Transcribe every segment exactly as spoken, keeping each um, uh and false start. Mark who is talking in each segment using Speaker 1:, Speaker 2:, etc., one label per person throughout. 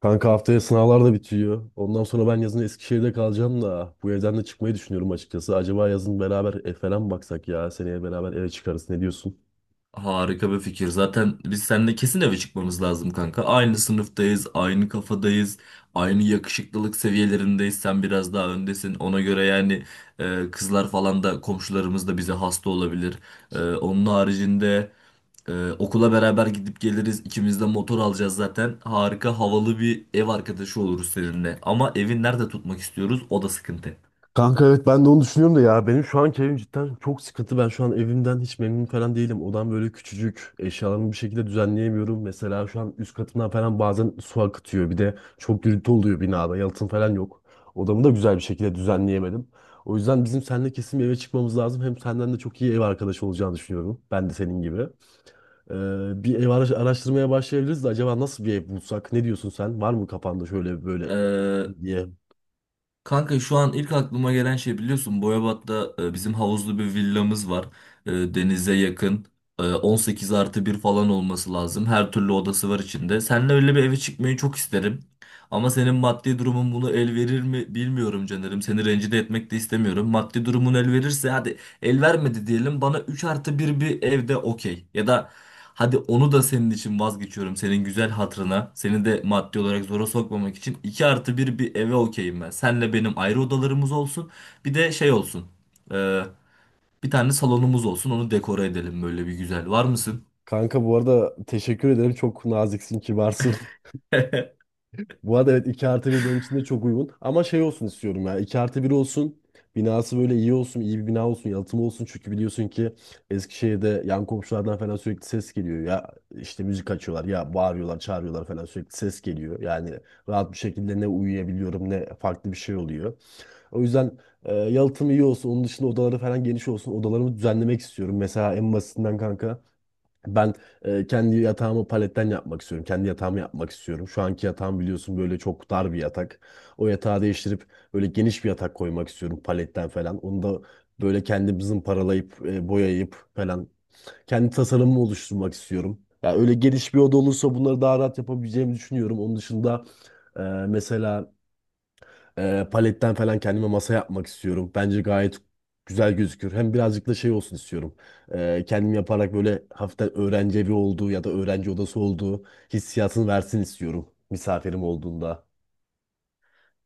Speaker 1: Kanka haftaya sınavlar da bitiyor. Ondan sonra ben yazın Eskişehir'de kalacağım da bu evden de çıkmayı düşünüyorum açıkçası. Acaba yazın beraber ev falan mı baksak ya? Seneye beraber eve çıkarız. Ne diyorsun?
Speaker 2: Harika bir fikir. Zaten biz seninle kesin eve çıkmamız lazım kanka. Aynı sınıftayız, aynı kafadayız, aynı yakışıklılık seviyelerindeyiz. Sen biraz daha öndesin. Ona göre yani e, kızlar falan da komşularımız da bize hasta olabilir. E, onun haricinde e, okula beraber gidip geliriz. İkimiz de motor alacağız zaten. Harika havalı bir ev arkadaşı oluruz seninle. Ama evi nerede tutmak istiyoruz? O da sıkıntı.
Speaker 1: Kanka evet ben de onu düşünüyorum da ya benim şu anki evim cidden çok sıkıntı. Ben şu an evimden hiç memnun falan değilim. Odam böyle küçücük. Eşyalarımı bir şekilde düzenleyemiyorum. Mesela şu an üst katımdan falan bazen su akıtıyor. Bir de çok gürültü oluyor binada. Yalıtım falan yok. Odamı da güzel bir şekilde düzenleyemedim. O yüzden bizim seninle kesin bir eve çıkmamız lazım. Hem senden de çok iyi ev arkadaşı olacağını düşünüyorum. Ben de senin gibi. Ee, bir ev ara- araştırmaya başlayabiliriz de acaba nasıl bir ev bulsak? Ne diyorsun sen? Var mı kafanda şöyle böyle
Speaker 2: E,
Speaker 1: diye?
Speaker 2: Kanka şu an ilk aklıma gelen şey biliyorsun Boyabat'ta e, bizim havuzlu bir villamız var. E, Denize yakın. E, on sekiz artı bir falan olması lazım. Her türlü odası var içinde. Seninle öyle bir eve çıkmayı çok isterim. Ama senin maddi durumun bunu el verir mi bilmiyorum canlarım. Seni rencide etmek de istemiyorum. Maddi durumun el verirse hadi. El vermedi diyelim, bana üç artı bir bir evde okey. Ya da hadi onu da senin için vazgeçiyorum senin güzel hatırına. Seni de maddi olarak zora sokmamak için iki artı bir bir eve okeyim ben. Senle benim ayrı odalarımız olsun. Bir de şey olsun. e, Bir tane salonumuz olsun, onu dekore edelim böyle bir güzel. Var mısın?
Speaker 1: Kanka bu arada teşekkür ederim. Çok naziksin, kibarsın. Bu arada evet iki artı bir benim için de çok uygun. Ama şey olsun istiyorum ya. İki artı bir olsun. Binası böyle iyi olsun. İyi bir bina olsun. Yalıtımı olsun. Çünkü biliyorsun ki Eskişehir'de yan komşulardan falan sürekli ses geliyor. Ya işte müzik açıyorlar. Ya bağırıyorlar, çağırıyorlar falan sürekli ses geliyor. Yani rahat bir şekilde ne uyuyabiliyorum ne farklı bir şey oluyor. O yüzden e, yalıtım iyi olsun. Onun dışında odaları falan geniş olsun. Odalarımı düzenlemek istiyorum. Mesela en basitinden kanka. Ben e, kendi yatağımı paletten yapmak istiyorum. Kendi yatağımı yapmak istiyorum. Şu anki yatağım biliyorsun böyle çok dar bir yatak. O yatağı değiştirip böyle geniş bir yatak koymak istiyorum paletten falan. Onu da böyle kendimizin paralayıp e, boyayıp falan kendi tasarımımı oluşturmak istiyorum. Ya öyle geniş bir oda olursa bunları daha rahat yapabileceğimi düşünüyorum. Onun dışında e, mesela ee, paletten falan kendime masa yapmak istiyorum. Bence gayet güzel gözükür. Hem birazcık da şey olsun istiyorum. Ee, kendim yaparak böyle hafiften öğrenci evi olduğu ya da öğrenci odası olduğu hissiyatını versin istiyorum misafirim olduğunda.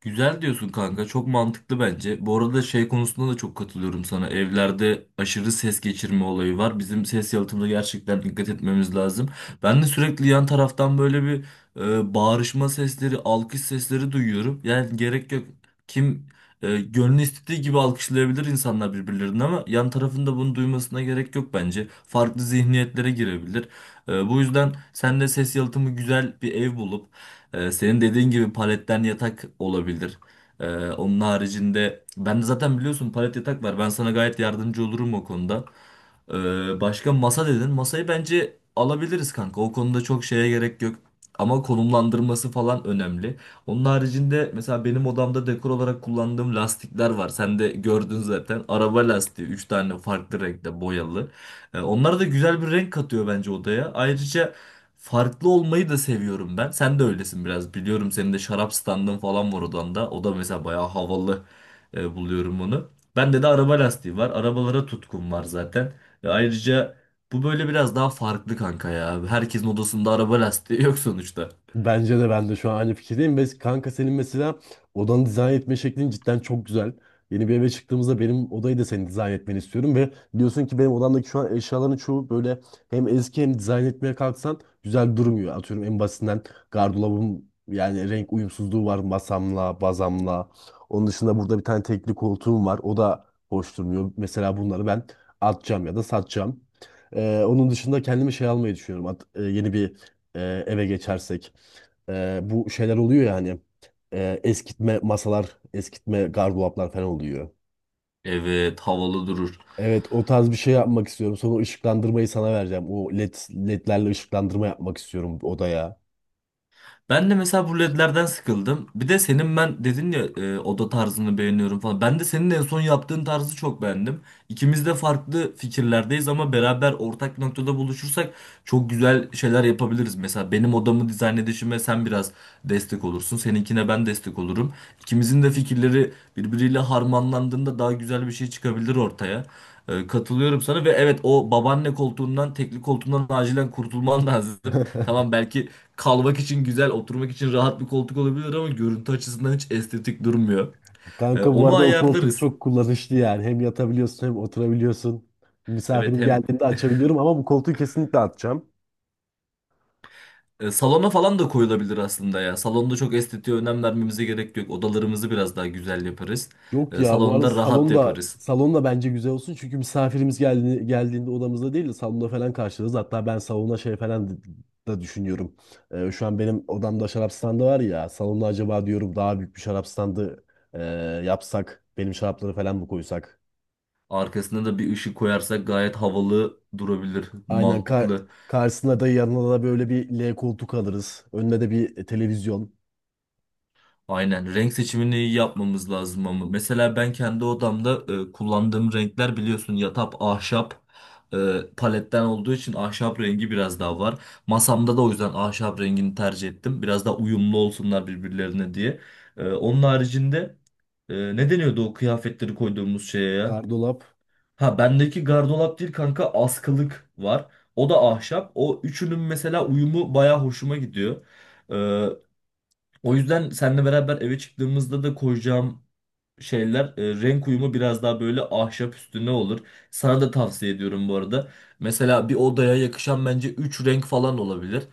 Speaker 2: Güzel diyorsun kanka. Çok mantıklı bence. Bu arada şey konusunda da çok katılıyorum sana. Evlerde aşırı ses geçirme olayı var. Bizim ses yalıtımına gerçekten dikkat etmemiz lazım. Ben de sürekli yan taraftan böyle bir e, bağırışma sesleri, alkış sesleri duyuyorum. Yani gerek yok. Kim e, gönlü istediği gibi alkışlayabilir insanlar birbirlerini, ama yan tarafında bunu duymasına gerek yok bence. Farklı zihniyetlere girebilir. E, bu yüzden sen de ses yalıtımı güzel bir ev bulup ee, senin dediğin gibi paletten yatak olabilir. Ee, onun haricinde ben de zaten biliyorsun palet yatak var. Ben sana gayet yardımcı olurum o konuda. Ee, başka masa dedin. Masayı bence alabiliriz kanka. O konuda çok şeye gerek yok. Ama konumlandırması falan önemli. Onun haricinde mesela benim odamda dekor olarak kullandığım lastikler var. Sen de gördün zaten. Araba lastiği üç tane farklı renkte boyalı. Ee, onlar da güzel bir renk katıyor bence odaya. Ayrıca farklı olmayı da seviyorum ben. Sen de öylesin biraz. Biliyorum senin de şarap standın falan var odanda. O da mesela bayağı havalı e, buluyorum onu. Bende de araba lastiği var. Arabalara tutkum var zaten. Ve ayrıca bu böyle biraz daha farklı kanka ya. Herkesin odasında araba lastiği yok sonuçta.
Speaker 1: Bence de ben de şu an aynı fikirdeyim. Ve kanka senin mesela odanı dizayn etme şeklin cidden çok güzel. Yeni bir eve çıktığımızda benim odayı da senin dizayn etmeni istiyorum. Ve biliyorsun ki benim odamdaki şu an eşyaların çoğu böyle hem eski hem dizayn etmeye kalksan güzel durmuyor. Atıyorum en basitinden gardırobum yani renk uyumsuzluğu var masamla, bazamla. Onun dışında burada bir tane tekli koltuğum var. O da hoş durmuyor. Mesela bunları ben atacağım ya da satacağım. Ee, onun dışında kendime şey almayı düşünüyorum. At- e, yeni bir e, eve geçersek e, bu şeyler oluyor yani. E, eskitme masalar, eskitme gardıroplar falan oluyor.
Speaker 2: Evet, havalı durur.
Speaker 1: Evet o tarz bir şey yapmak istiyorum. Sonra ışıklandırmayı sana vereceğim. O led, ledlerle ışıklandırma yapmak istiyorum odaya.
Speaker 2: Ben de mesela bu ledlerden sıkıldım. Bir de senin ben dedin ya, e, oda tarzını beğeniyorum falan. Ben de senin en son yaptığın tarzı çok beğendim. İkimiz de farklı fikirlerdeyiz ama beraber ortak bir noktada buluşursak çok güzel şeyler yapabiliriz. Mesela benim odamı dizayn edişime sen biraz destek olursun. Seninkine ben destek olurum. İkimizin de fikirleri birbiriyle harmanlandığında daha güzel bir şey çıkabilir ortaya. E, Katılıyorum sana ve evet, o babaanne koltuğundan, tekli koltuğundan acilen kurtulman lazım. Tamam, belki kalmak için güzel, oturmak için rahat bir koltuk olabilir, ama görüntü açısından hiç estetik durmuyor. E,
Speaker 1: Kanka bu
Speaker 2: onu
Speaker 1: arada o koltuk
Speaker 2: ayarlarız.
Speaker 1: çok kullanışlı yani. Hem yatabiliyorsun hem oturabiliyorsun.
Speaker 2: Evet
Speaker 1: Misafirim
Speaker 2: hem
Speaker 1: geldiğinde açabiliyorum ama bu koltuğu kesinlikle atacağım.
Speaker 2: e, salona falan da koyulabilir aslında ya. Salonda çok estetiğe önem vermemize gerek yok. Odalarımızı biraz daha güzel yaparız.
Speaker 1: Yok
Speaker 2: E,
Speaker 1: ya bu arada
Speaker 2: salonda rahat
Speaker 1: salonda
Speaker 2: yaparız.
Speaker 1: salonda bence güzel olsun çünkü misafirimiz geldiğinde, geldiğinde odamızda değil de salonda falan karşılarız. Hatta ben salona şey falan d- da düşünüyorum. Ee, şu an benim odamda şarap standı var ya salonda acaba diyorum daha büyük bir şarap standı e, yapsak benim şarapları falan mı koysak?
Speaker 2: Arkasına da bir ışık koyarsak gayet havalı durabilir,
Speaker 1: Aynen kar
Speaker 2: mantıklı.
Speaker 1: karşısına da yanına da böyle bir L koltuk alırız. Önüne de bir e, televizyon,
Speaker 2: Aynen, renk seçimini iyi yapmamız lazım ama mesela ben kendi odamda e, kullandığım renkler biliyorsun, yatap ahşap e, paletten olduğu için ahşap rengi biraz daha var. Masamda da o yüzden ahşap rengini tercih ettim. Biraz daha uyumlu olsunlar birbirlerine diye. E, onun haricinde e, ne deniyordu o kıyafetleri koyduğumuz şeye ya?
Speaker 1: gardırop.
Speaker 2: Ha, bendeki gardırop değil kanka, askılık var. O da ahşap. O üçünün mesela uyumu baya hoşuma gidiyor. E, o yüzden seninle beraber eve çıktığımızda da koyacağım şeyler, e, renk uyumu biraz daha böyle ahşap üstüne olur. Sana da tavsiye ediyorum bu arada. Mesela bir odaya yakışan bence üç renk falan olabilir.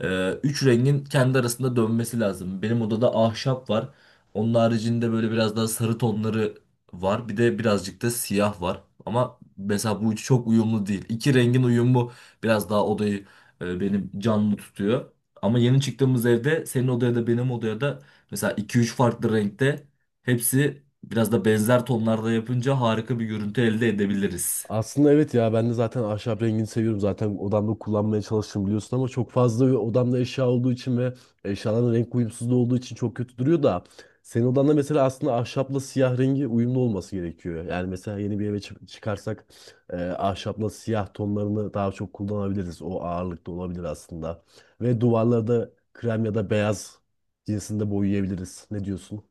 Speaker 2: E, Üç rengin kendi arasında dönmesi lazım. Benim odada ahşap var. Onun haricinde böyle biraz daha sarı tonları var. Bir de birazcık da siyah var. Ama mesela bu üçü çok uyumlu değil. İki rengin uyumu biraz daha odayı e, benim canlı tutuyor. Ama yeni çıktığımız evde senin odaya da benim odaya da mesela iki üç farklı renkte, hepsi biraz da benzer tonlarda yapınca harika bir görüntü elde edebiliriz.
Speaker 1: Aslında evet ya ben de zaten ahşap rengini seviyorum. Zaten odamda kullanmaya çalıştım biliyorsun ama çok fazla odamda eşya olduğu için ve eşyaların renk uyumsuzluğu olduğu için çok kötü duruyor da senin odanda mesela aslında ahşapla siyah rengi uyumlu olması gerekiyor. Yani mesela yeni bir eve çı- çıkarsak e, ahşapla siyah tonlarını daha çok kullanabiliriz. O ağırlıkta olabilir aslında. Ve duvarları da krem ya da beyaz cinsinde boyayabiliriz. Ne diyorsun?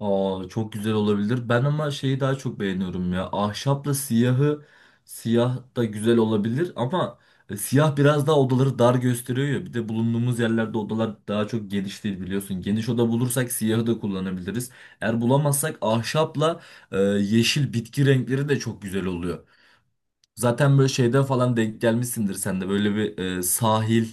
Speaker 2: Aa, çok güzel olabilir. Ben ama şeyi daha çok beğeniyorum ya. Ahşapla siyahı, siyah da güzel olabilir ama e, siyah biraz daha odaları dar gösteriyor ya. Bir de bulunduğumuz yerlerde odalar daha çok geniş değil biliyorsun. Geniş oda bulursak siyahı da kullanabiliriz. Eğer bulamazsak ahşapla e, yeşil bitki renkleri de çok güzel oluyor. Zaten böyle şeyden falan denk gelmişsindir sen de, böyle bir e, sahil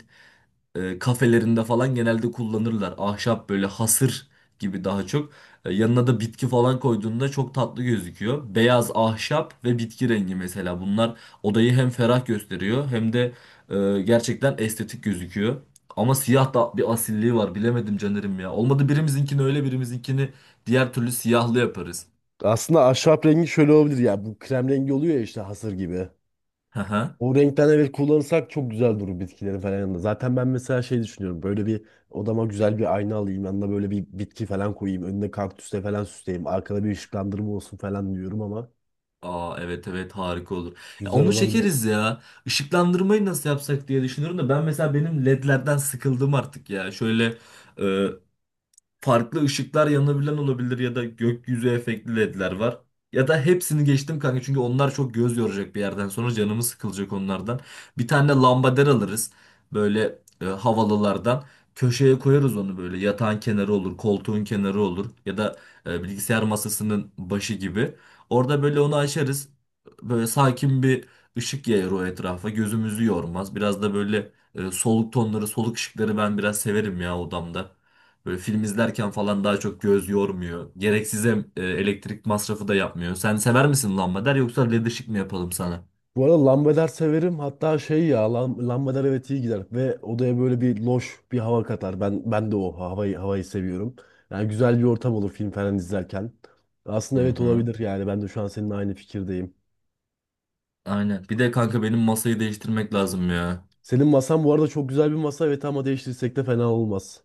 Speaker 2: e, kafelerinde falan genelde kullanırlar. Ahşap böyle hasır gibi daha çok. E, yanına da bitki falan koyduğunda çok tatlı gözüküyor. Beyaz ahşap ve bitki rengi, mesela bunlar odayı hem ferah gösteriyor hem de e, gerçekten estetik gözüküyor. Ama siyah da bir asilliği var, bilemedim Caner'im ya. Olmadı birimizinkini öyle birimizinkini diğer türlü siyahlı yaparız.
Speaker 1: Aslında ahşap rengi şöyle olabilir ya bu krem rengi oluyor ya işte hasır gibi. O renkten evet kullanırsak çok güzel durur bitkilerin falan yanında. Zaten ben mesela şey düşünüyorum. Böyle bir odama güzel bir ayna alayım. Yanına böyle bir bitki falan koyayım. Önüne kaktüsle falan süsleyeyim. Arkada bir ışıklandırma olsun falan diyorum ama
Speaker 2: Aa evet evet, harika olur. Ya
Speaker 1: güzel
Speaker 2: onu
Speaker 1: olabilir.
Speaker 2: çekeriz ya. Işıklandırmayı nasıl yapsak diye düşünüyorum da, ben mesela benim ledlerden sıkıldım artık ya. Şöyle farklı ışıklar yanabilen olabilir ya da gökyüzü efektli ledler var. Ya da hepsini geçtim kanka, çünkü onlar çok göz yoracak bir yerden sonra canımız sıkılacak onlardan. Bir tane lambader alırız böyle e, havalılardan. Köşeye koyarız onu, böyle yatağın kenarı olur, koltuğun kenarı olur, ya da e, bilgisayar masasının başı gibi. Orada böyle onu açarız. Böyle sakin bir ışık yayar o etrafa. Gözümüzü yormaz. Biraz da böyle e, soluk tonları, soluk ışıkları ben biraz severim ya odamda. Böyle film izlerken falan daha çok göz yormuyor. Gereksiz em- e, elektrik masrafı da yapmıyor. Sen sever misin lambader, yoksa led ışık mı yapalım sana?
Speaker 1: Bu arada lambader severim. Hatta şey ya lam- lambader evet iyi gider. Ve odaya böyle bir loş bir hava katar. Ben ben de o havayı, havayı seviyorum. Yani güzel bir ortam olur film falan izlerken.
Speaker 2: Hı
Speaker 1: Aslında evet
Speaker 2: hı.
Speaker 1: olabilir yani. Ben de şu an seninle aynı fikirdeyim.
Speaker 2: Aynen. Bir de kanka benim masayı değiştirmek lazım ya.
Speaker 1: Senin masan bu arada çok güzel bir masa evet ama değiştirsek de fena olmaz.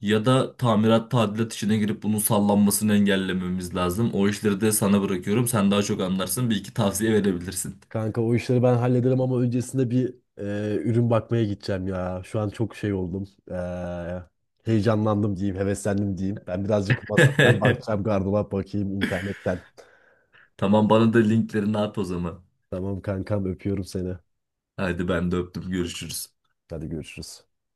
Speaker 2: Ya da tamirat tadilat işine girip bunun sallanmasını engellememiz lazım. O işleri de sana bırakıyorum. Sen daha çok anlarsın. Bir iki tavsiye verebilirsin.
Speaker 1: Kanka o işleri ben hallederim ama öncesinde bir e, ürün bakmaya gideceğim ya. Şu an çok şey oldum. E, heyecanlandım diyeyim, heveslendim diyeyim. Ben birazcık masa falan bakacağım, gardırop bakayım internetten.
Speaker 2: Tamam, bana da linklerini at o zaman.
Speaker 1: Tamam kankam öpüyorum seni.
Speaker 2: Hadi ben de öptüm. Görüşürüz.
Speaker 1: Hadi görüşürüz.